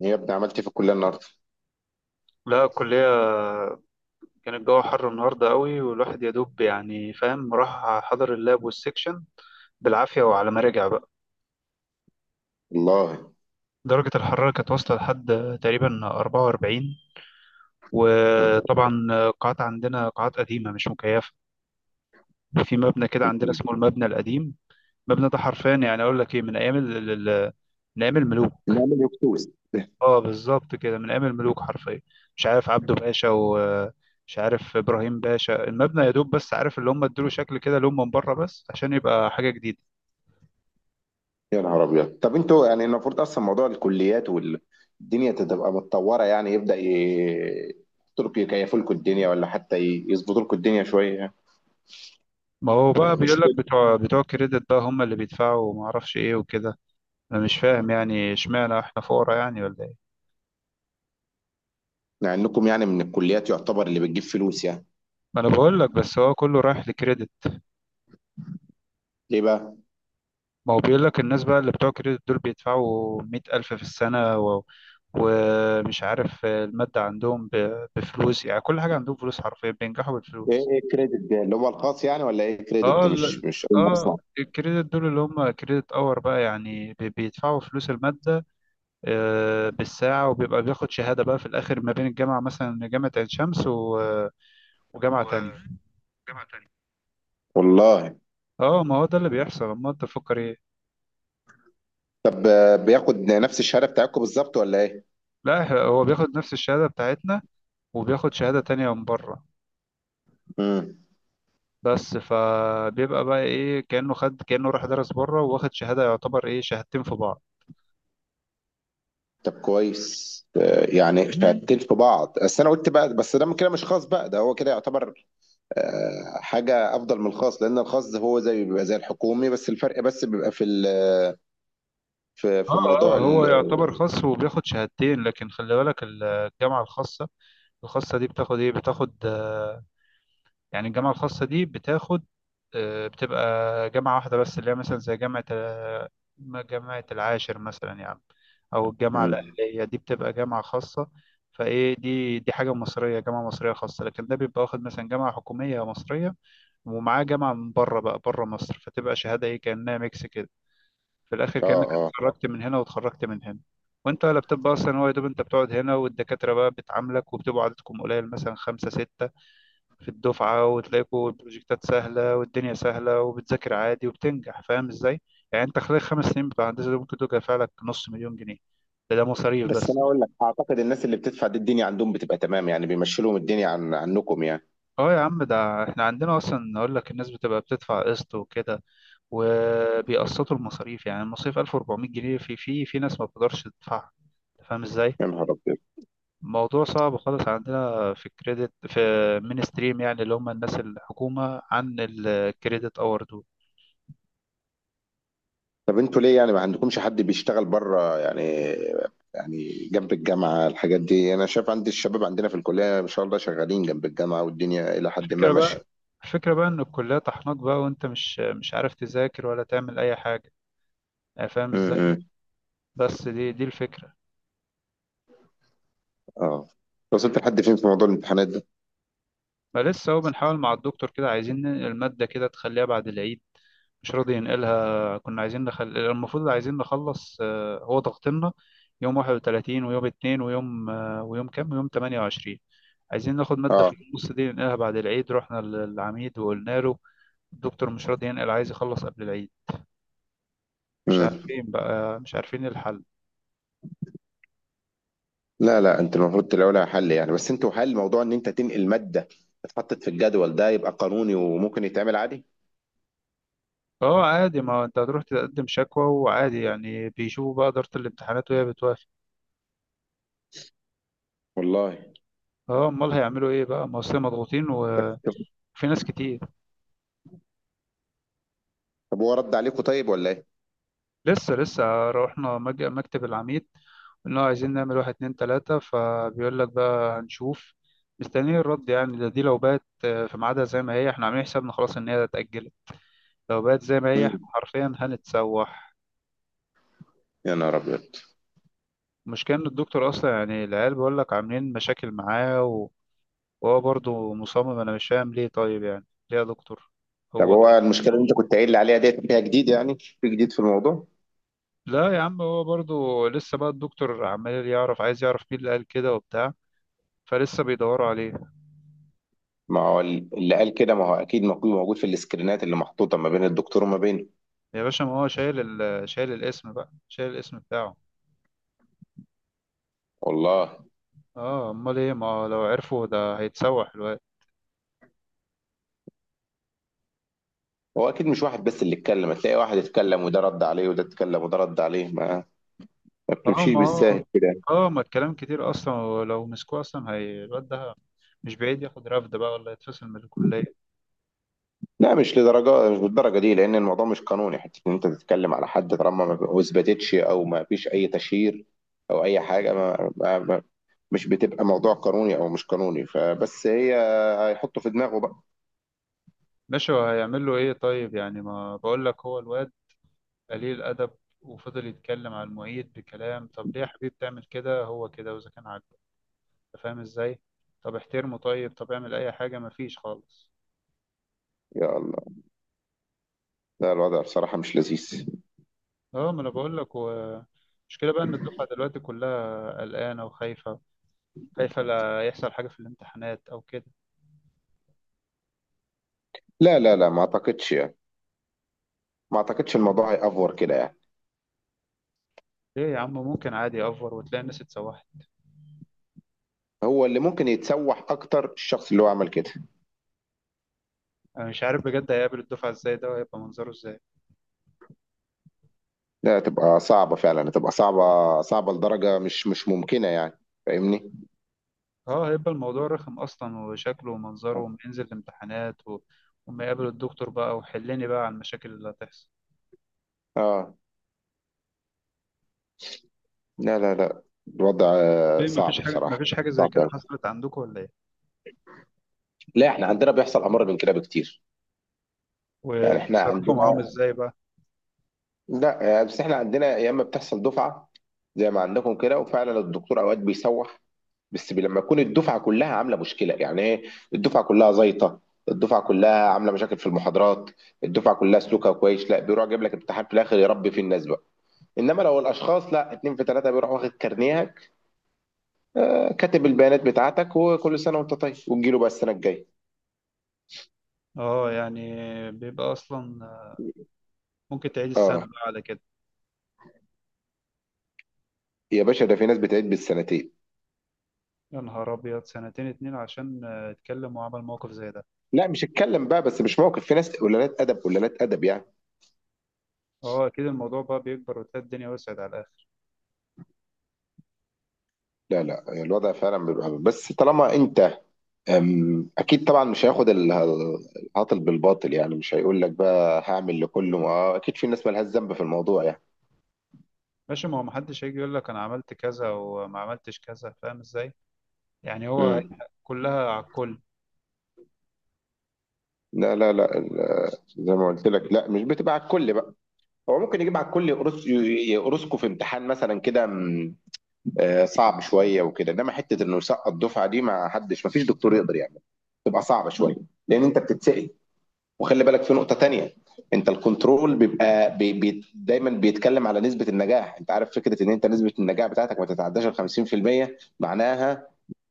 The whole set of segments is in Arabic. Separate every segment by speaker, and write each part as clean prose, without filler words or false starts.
Speaker 1: يا ابني، عملت إيه في الكليه النهارده؟
Speaker 2: لا. الكلية كان الجو حر النهاردة قوي، والواحد يا دوب يعني فاهم، راح حضر اللاب والسكشن بالعافية، وعلى ما رجع بقى
Speaker 1: والله.
Speaker 2: درجة الحرارة كانت واصلة لحد تقريبا 44.
Speaker 1: انت.
Speaker 2: وطبعا قاعات عندنا، قاعات قديمة مش مكيفة، وفي مبنى كده عندنا اسمه المبنى القديم. المبنى ده حرفيا، يعني أقول لك إيه، من أيام من أيام الملوك.
Speaker 1: نعمل يكتوز
Speaker 2: اه، بالظبط كده، من ايام الملوك حرفيا. مش عارف عبده باشا ومش عارف ابراهيم باشا، المبنى يا دوب بس عارف، اللي هم ادوا شكل كده لون من بره بس عشان يبقى حاجه جديده.
Speaker 1: يا نهار ابيض. طب انتوا يعني المفروض اصلا موضوع الكليات والدنيا تبقى متطوره يعني يحطوا يكيفوا لكم الدنيا، ولا حتى يظبطوا لكم الدنيا شويه يعني.
Speaker 2: ما هو بقى
Speaker 1: يعني مش
Speaker 2: بيقول لك
Speaker 1: كده.
Speaker 2: بتوع كريدت بقى هم اللي بيدفعوا، وما اعرفش ايه وكده. انا مش فاهم، يعني اشمعنى احنا فقراء يعني، ولا ايه؟
Speaker 1: مع انكم يعني من الكليات يعتبر اللي بتجيب فلوس يعني.
Speaker 2: ما انا بقول لك، بس هو كله رايح لكريدت.
Speaker 1: ليه بقى؟
Speaker 2: ما هو بيقول لك الناس بقى اللي بتوع كريدت دول بيدفعوا 100000 في السنه، و... ومش عارف المادة عندهم بفلوس، يعني كل حاجة عندهم فلوس، حرفيا بينجحوا
Speaker 1: ايه
Speaker 2: بالفلوس.
Speaker 1: ايه الكريدت ده اللي هو الخاص يعني، ولا ايه الكريدت
Speaker 2: اه
Speaker 1: ده؟
Speaker 2: ال-
Speaker 1: مش أول مرة
Speaker 2: اه،
Speaker 1: أسمع.
Speaker 2: الكريدت دول اللي هم كريدت اور بقى، يعني بيدفعوا فلوس المادة بالساعة، وبيبقى بياخد شهادة بقى في الآخر ما بين الجامعة، مثلا جامعة عين شمس، وجامعة تانية.
Speaker 1: والله.
Speaker 2: اه ما هو ده اللي بيحصل، امال انت تفكر ايه؟
Speaker 1: طب بياخد نفس الشهاده بتاعتكم بالظبط ولا ايه؟
Speaker 2: لا إحنا- هو بياخد نفس الشهادة بتاعتنا، وبياخد شهادة تانية من بره.
Speaker 1: امم.
Speaker 2: بس فبيبقى بقى ايه، كأنه خد، كأنه راح درس بره واخد شهادة، يعتبر ايه، شهادتين في بعض.
Speaker 1: طب كويس. يعني شهادتين في بعض، بس انا قلت بقى، بس ده كده مش خاص بقى، ده هو كده يعتبر حاجه افضل من الخاص، لان الخاص ده هو زي بيبقى زي الحكومي، بس الفرق بس بيبقى في في
Speaker 2: اه
Speaker 1: موضوع
Speaker 2: اه، هو
Speaker 1: ال.
Speaker 2: يعتبر خاص وبياخد شهادتين، لكن خلي بالك الجامعة الخاصة، الخاصة دي بتاخد ايه، بتاخد يعني الجامعة الخاصة دي بتاخد، بتبقى جامعة واحدة بس، اللي هي مثلا زي جامعة جامعة العاشر مثلا يعني، أو الجامعة
Speaker 1: مم.
Speaker 2: الأهلية، دي بتبقى جامعة خاصة. فايه، دي حاجة مصرية، جامعة مصرية خاصة. لكن ده بيبقى واخد مثلا جامعة حكومية مصرية، ومعاه جامعة من بره بقى، بره مصر، فتبقى شهادة ايه، كأنها ميكس كده. في الاخر
Speaker 1: اه
Speaker 2: كانك
Speaker 1: اه.
Speaker 2: اتخرجت من هنا واتخرجت من هنا. وانت ولا بتبقى اصلا، هو يا دوب انت بتقعد هنا، والدكاتره بقى بتعاملك وبتبقوا عددكم قليل، مثلا خمسة ستة في الدفعه، وتلاقوا البروجكتات سهله والدنيا سهله، وبتذاكر عادي وبتنجح، فاهم ازاي؟ يعني انت خلال 5 سنين بتوع هندسه دول ممكن تدفع لك نص مليون جنيه. ده مصاريف
Speaker 1: بس
Speaker 2: بس.
Speaker 1: انا اقول لك اعتقد الناس اللي بتدفع دي الدنيا عندهم بتبقى تمام، يعني بيمشي لهم الدنيا عنكم يعني.
Speaker 2: اه يا عم، ده احنا عندنا اصلا اقول لك، الناس بتبقى بتدفع قسط وكده، وبيقسطوا المصاريف. يعني المصاريف 1400 جنيه، في ناس ما بتقدرش تدفعها. أنت فاهم ازاي؟
Speaker 1: يا نهار ابيض.
Speaker 2: موضوع صعب خالص، عندنا في الكريدت، في من ستريم يعني، اللي هم الناس الحكومة عن الكريدت اور دول.
Speaker 1: طب انتوا ليه يعني ما عندكمش حد بيشتغل بره يعني؟ يعني جنب الجامعة الحاجات دي، انا شايف عندي الشباب عندنا في الكلية ما شاء الله شغالين جنب الجامعة، والدنيا الى حد ما
Speaker 2: الفكرة
Speaker 1: ماشية.
Speaker 2: بقى الفكرة بقى ان الكلية طحناك بقى، وانت مش عارف تذاكر ولا تعمل اي حاجة، يعني فاهم ازاي؟
Speaker 1: امم.
Speaker 2: بس دي الفكرة.
Speaker 1: اه. وصلت لحد فين في موضوع الامتحانات ده؟
Speaker 2: ما لسه، هو بنحاول مع الدكتور كده، عايزين المادة كده تخليها بعد العيد. مش راضي ينقلها. كنا عايزين المفروض عايزين نخلص. هو ضغطنا يوم 31 ويوم 2 ويوم ويوم كام ويوم 28. عايزين ناخد مادة
Speaker 1: اه.
Speaker 2: في النص دي، ننقلها بعد العيد. رحنا للعميد وقلنا له الدكتور مش راضي ينقل، عايز يخلص قبل العيد. مش
Speaker 1: امم.
Speaker 2: عارفين بقى، مش عارفين الحل.
Speaker 1: لا لا، انت المفروض تلاقوا لها حل يعني، بس انتوا هل موضوع ان انت تنقل مادة اتحطت في الجدول ده يبقى قانوني وممكن يتعمل عادي؟
Speaker 2: اه عادي، ما هو انت هتروح تقدم شكوى وعادي يعني، بيشوفوا بقى إدارة الامتحانات، وهي بتوافق.
Speaker 1: والله.
Speaker 2: اه، امال هيعملوا ايه بقى، ما اصل مضغوطين
Speaker 1: بس.
Speaker 2: وفي ناس كتير.
Speaker 1: طب هو رد عليكم طيب ولا ايه؟
Speaker 2: لسه رحنا مكتب العميد، قلنا له عايزين نعمل واحد اتنين تلاتة، فبيقول لك بقى هنشوف. مستنيين الرد يعني. ده دي لو بقت في ميعادها زي ما هي، احنا عاملين حسابنا خلاص ان هي اتأجلت. لو بقت زي ما هي، احنا
Speaker 1: امم.
Speaker 2: حرفيا هنتسوح.
Speaker 1: يا نهار ابيض.
Speaker 2: المشكلة ان الدكتور اصلا يعني، العيال بيقول لك عاملين مشاكل معاه، وهو برضه مصمم. انا مش فاهم ليه طيب يعني، ليه يا دكتور؟
Speaker 1: طب
Speaker 2: هو
Speaker 1: هو
Speaker 2: كده.
Speaker 1: المشكلة اللي انت كنت قايل لي عليها ديت فيها جديد، يعني في جديد في الموضوع؟
Speaker 2: لا يا عم، هو برضه لسه بقى، الدكتور عمال يعرف، عايز يعرف مين اللي قال كده وبتاع، فلسه بيدوروا عليه.
Speaker 1: ما هو اللي قال كده، ما هو اكيد موجود موجود في السكرينات اللي محطوطه ما بين الدكتور وما بينه.
Speaker 2: يا باشا، ما هو شايل شايل الاسم بقى، شايل الاسم بتاعه.
Speaker 1: والله.
Speaker 2: اه، امال ايه؟ ما هو لو عرفوا ده هيتسوح الواد.
Speaker 1: هو اكيد مش واحد بس اللي اتكلم، هتلاقي واحد اتكلم وده رد عليه وده اتكلم وده رد عليه، ما
Speaker 2: اه
Speaker 1: بتمشيش
Speaker 2: ما
Speaker 1: بالساهل
Speaker 2: هو،
Speaker 1: كده.
Speaker 2: اه ما الكلام كتير اصلا، ولو مسكوه اصلا هي، الواد ده مش بعيد ياخد رفد بقى ولا يتفصل من الكليه.
Speaker 1: لا مش لدرجه، مش بالدرجه دي، لان الموضوع مش قانوني حتى ان انت تتكلم على حد طالما ما اثبتتش او ما فيش اي تشهير او اي حاجه. ما, ما, ما مش بتبقى موضوع قانوني او مش قانوني، فبس هي هيحطه في دماغه بقى.
Speaker 2: ماشي، وهيعمل له ايه طيب يعني؟ ما بقول لك، هو الواد قليل ادب، وفضل يتكلم على المعيد بكلام. طب ليه يا حبيبي بتعمل كده، هو كده، واذا كان عاجبك. أنت فاهم ازاي؟ طب احترمه طيب، طب اعمل اي حاجه، ما فيش خالص.
Speaker 1: يا الله. لا الوضع بصراحه مش لذيذ.
Speaker 2: اه، ما انا بقول لك، المشكله بقى ان الدفعه دلوقتي كلها قلقانه وخايفه. خايفه لا يحصل حاجه في الامتحانات او كده.
Speaker 1: لا لا لا، ما اعتقدش. ما اعتقدش الموضوع هيأفور كده يعني.
Speaker 2: ليه يا عم، ممكن عادي يأفور وتلاقي الناس اتسوحت.
Speaker 1: هو اللي ممكن يتسوح اكتر الشخص اللي هو عمل كده.
Speaker 2: انا مش عارف بجد، هيقابل الدفعه ازاي ده، وهيبقى منظره ازاي.
Speaker 1: لا هتبقى صعبة فعلا، هتبقى صعبة، صعبة لدرجة مش ممكنة يعني. فاهمني.
Speaker 2: اه، هيبقى الموضوع رخم اصلا، وشكله ومنظره، وما ينزل الامتحانات و... وما يقابل الدكتور بقى، وحلني بقى على المشاكل اللي هتحصل.
Speaker 1: اه. لا لا لا، الوضع
Speaker 2: ليه؟ مفيش
Speaker 1: صعب
Speaker 2: حاجه،
Speaker 1: بصراحة.
Speaker 2: مفيش حاجه زي
Speaker 1: صعب
Speaker 2: كده
Speaker 1: أوي.
Speaker 2: حصلت عندكم ولا ايه؟
Speaker 1: لا احنا عندنا بيحصل امر من كده بكتير. يعني احنا
Speaker 2: وبتتصرفوا معاهم
Speaker 1: عندنا.
Speaker 2: ازاي بقى؟
Speaker 1: لا، بس احنا عندنا يا اما بتحصل دفعة زي ما عندكم كده، وفعلا الدكتور اوقات بيسوح. بس لما تكون الدفعه كلها عامله مشكله، يعني ايه؟ الدفعه كلها زيطه، الدفعه كلها عامله مشاكل في المحاضرات. الدفعه كلها سلوكها كويس، لا بيروح جايب لك امتحان في الاخر يربي فيه الناس بقى. انما لو الاشخاص لا اتنين في ثلاثه، بيروح واخد كارنيهك، آه، كاتب البيانات بتاعتك، وكل سنه وانت طيب، وتجيله بقى السنه الجايه.
Speaker 2: اه يعني، بيبقى اصلا ممكن تعيد السنه
Speaker 1: اه.
Speaker 2: بقى على كده.
Speaker 1: يا باشا، ده في ناس بتعيد بالسنتين.
Speaker 2: يا نهار أبيض، سنتين اتنين عشان اتكلم وعمل موقف زي ده؟
Speaker 1: لا مش اتكلم بقى، بس مش موقف، في ناس قلالات ادب قلالات ادب يعني.
Speaker 2: اه أكيد، الموضوع بقى بيكبر، وتلاقي الدنيا وسعت على الآخر.
Speaker 1: لا لا، الوضع فعلا بيبقى، بس طالما انت اكيد طبعا، مش هياخد العاطل بالباطل، يعني مش هيقول لك بقى هعمل لكله، ما اكيد في ناس مالهاش ذنب في الموضوع يعني.
Speaker 2: ماشي، ما هو محدش هيجي يقول لك أنا عملت كذا وما عملتش كذا، فاهم إزاي؟ يعني هو
Speaker 1: امم.
Speaker 2: كلها على الكل.
Speaker 1: لا لا لا، زي ما قلت لك، لا مش بتبقى على الكل بقى. هو ممكن يجيب على الكل، يقرصكوا في امتحان مثلا كده، صعب شويه وكده، انما حته انه يسقط الدفعه دي، ما حدش، ما فيش دكتور يقدر يعمل. تبقى صعبه شويه لان انت بتتسال. وخلي بالك في نقطة تانية: انت الكنترول بيبقى بي دايما بيتكلم على نسبة النجاح. انت عارف فكرة ان انت نسبة النجاح بتاعتك ما تتعداش ال 50%؟ معناها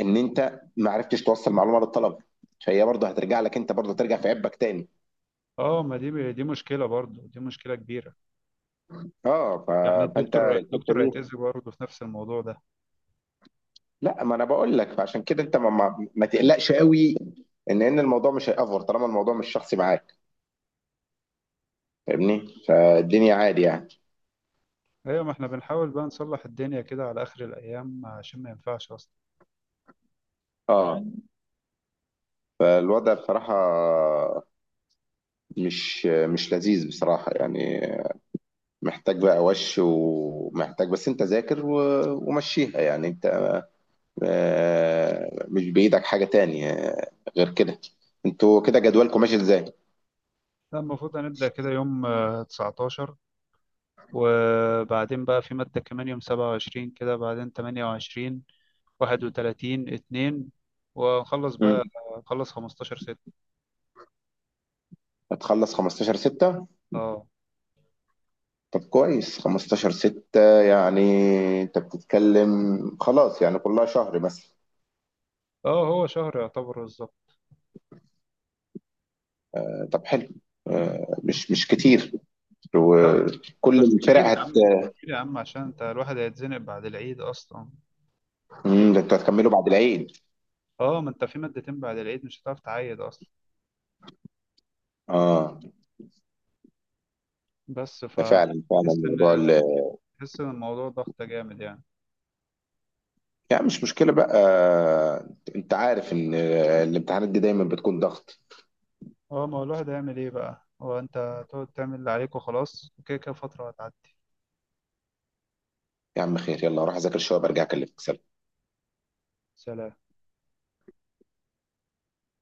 Speaker 1: ان انت ما عرفتش توصل معلومة للطلب، فهي برضه هترجع لك، انت برضه ترجع في عبك تاني.
Speaker 2: اه، ما دي مشكلة برضه، دي مشكلة كبيرة.
Speaker 1: اه.
Speaker 2: يعني
Speaker 1: فانت
Speaker 2: الدكتور
Speaker 1: الحتة
Speaker 2: الدكتور
Speaker 1: دي،
Speaker 2: هيتأذي برضه في نفس الموضوع ده.
Speaker 1: لا ما انا بقول لك، فعشان كده انت ما تقلقش قوي. ان الموضوع مش هيأفور طالما الموضوع مش شخصي معاك، فاهمني، فالدنيا عادي يعني.
Speaker 2: أيوة، ما احنا بنحاول بقى نصلح الدنيا كده على آخر الأيام، عشان ما ينفعش أصلا.
Speaker 1: اه. فالوضع بصراحة مش لذيذ بصراحة يعني، محتاج بقى وش، ومحتاج بس انت ذاكر ومشيها يعني. انت مش بإيدك حاجة تانية غير كده. انتوا كده جدولكم ماشي ازاي؟
Speaker 2: لا، المفروض هنبدأ كده يوم 19، وبعدين بقى في مادة كمان يوم 27، كده بعدين 28، 31، اتنين، ونخلص
Speaker 1: مم.
Speaker 2: بقى. نخلص 15/6.
Speaker 1: هتخلص 15 6؟
Speaker 2: اه
Speaker 1: طب كويس، 15 6 يعني، انت بتتكلم خلاص يعني كلها شهر مثلا.
Speaker 2: اه، هو شهر يعتبر بالظبط.
Speaker 1: طب حلو. مش كتير.
Speaker 2: لا،
Speaker 1: وكل
Speaker 2: بس
Speaker 1: الفرق
Speaker 2: كتير يا
Speaker 1: هت.
Speaker 2: عم، كتير يا عم، عشان انت الواحد هيتزنق بعد العيد اصلا.
Speaker 1: ده انتوا هتكملوا بعد العيد؟
Speaker 2: اه، ما انت في مادتين بعد العيد مش هتعرف تعيد اصلا.
Speaker 1: اه.
Speaker 2: بس
Speaker 1: ده فعلا فعلا
Speaker 2: فتحس
Speaker 1: موضوع.
Speaker 2: ان تحس ان الموضوع ضغط جامد يعني.
Speaker 1: يعني مش مشكلة بقى، انت عارف ان الامتحانات دي دايما بتكون ضغط.
Speaker 2: اه، ما هو الواحد هيعمل ايه بقى، هو انت تقعد تعمل اللي عليك وخلاص، وكده كده فترة هتعدي.
Speaker 1: يا عم خير، يلا اروح اذاكر شوية، برجع اكلمك. سلام.
Speaker 2: سلام.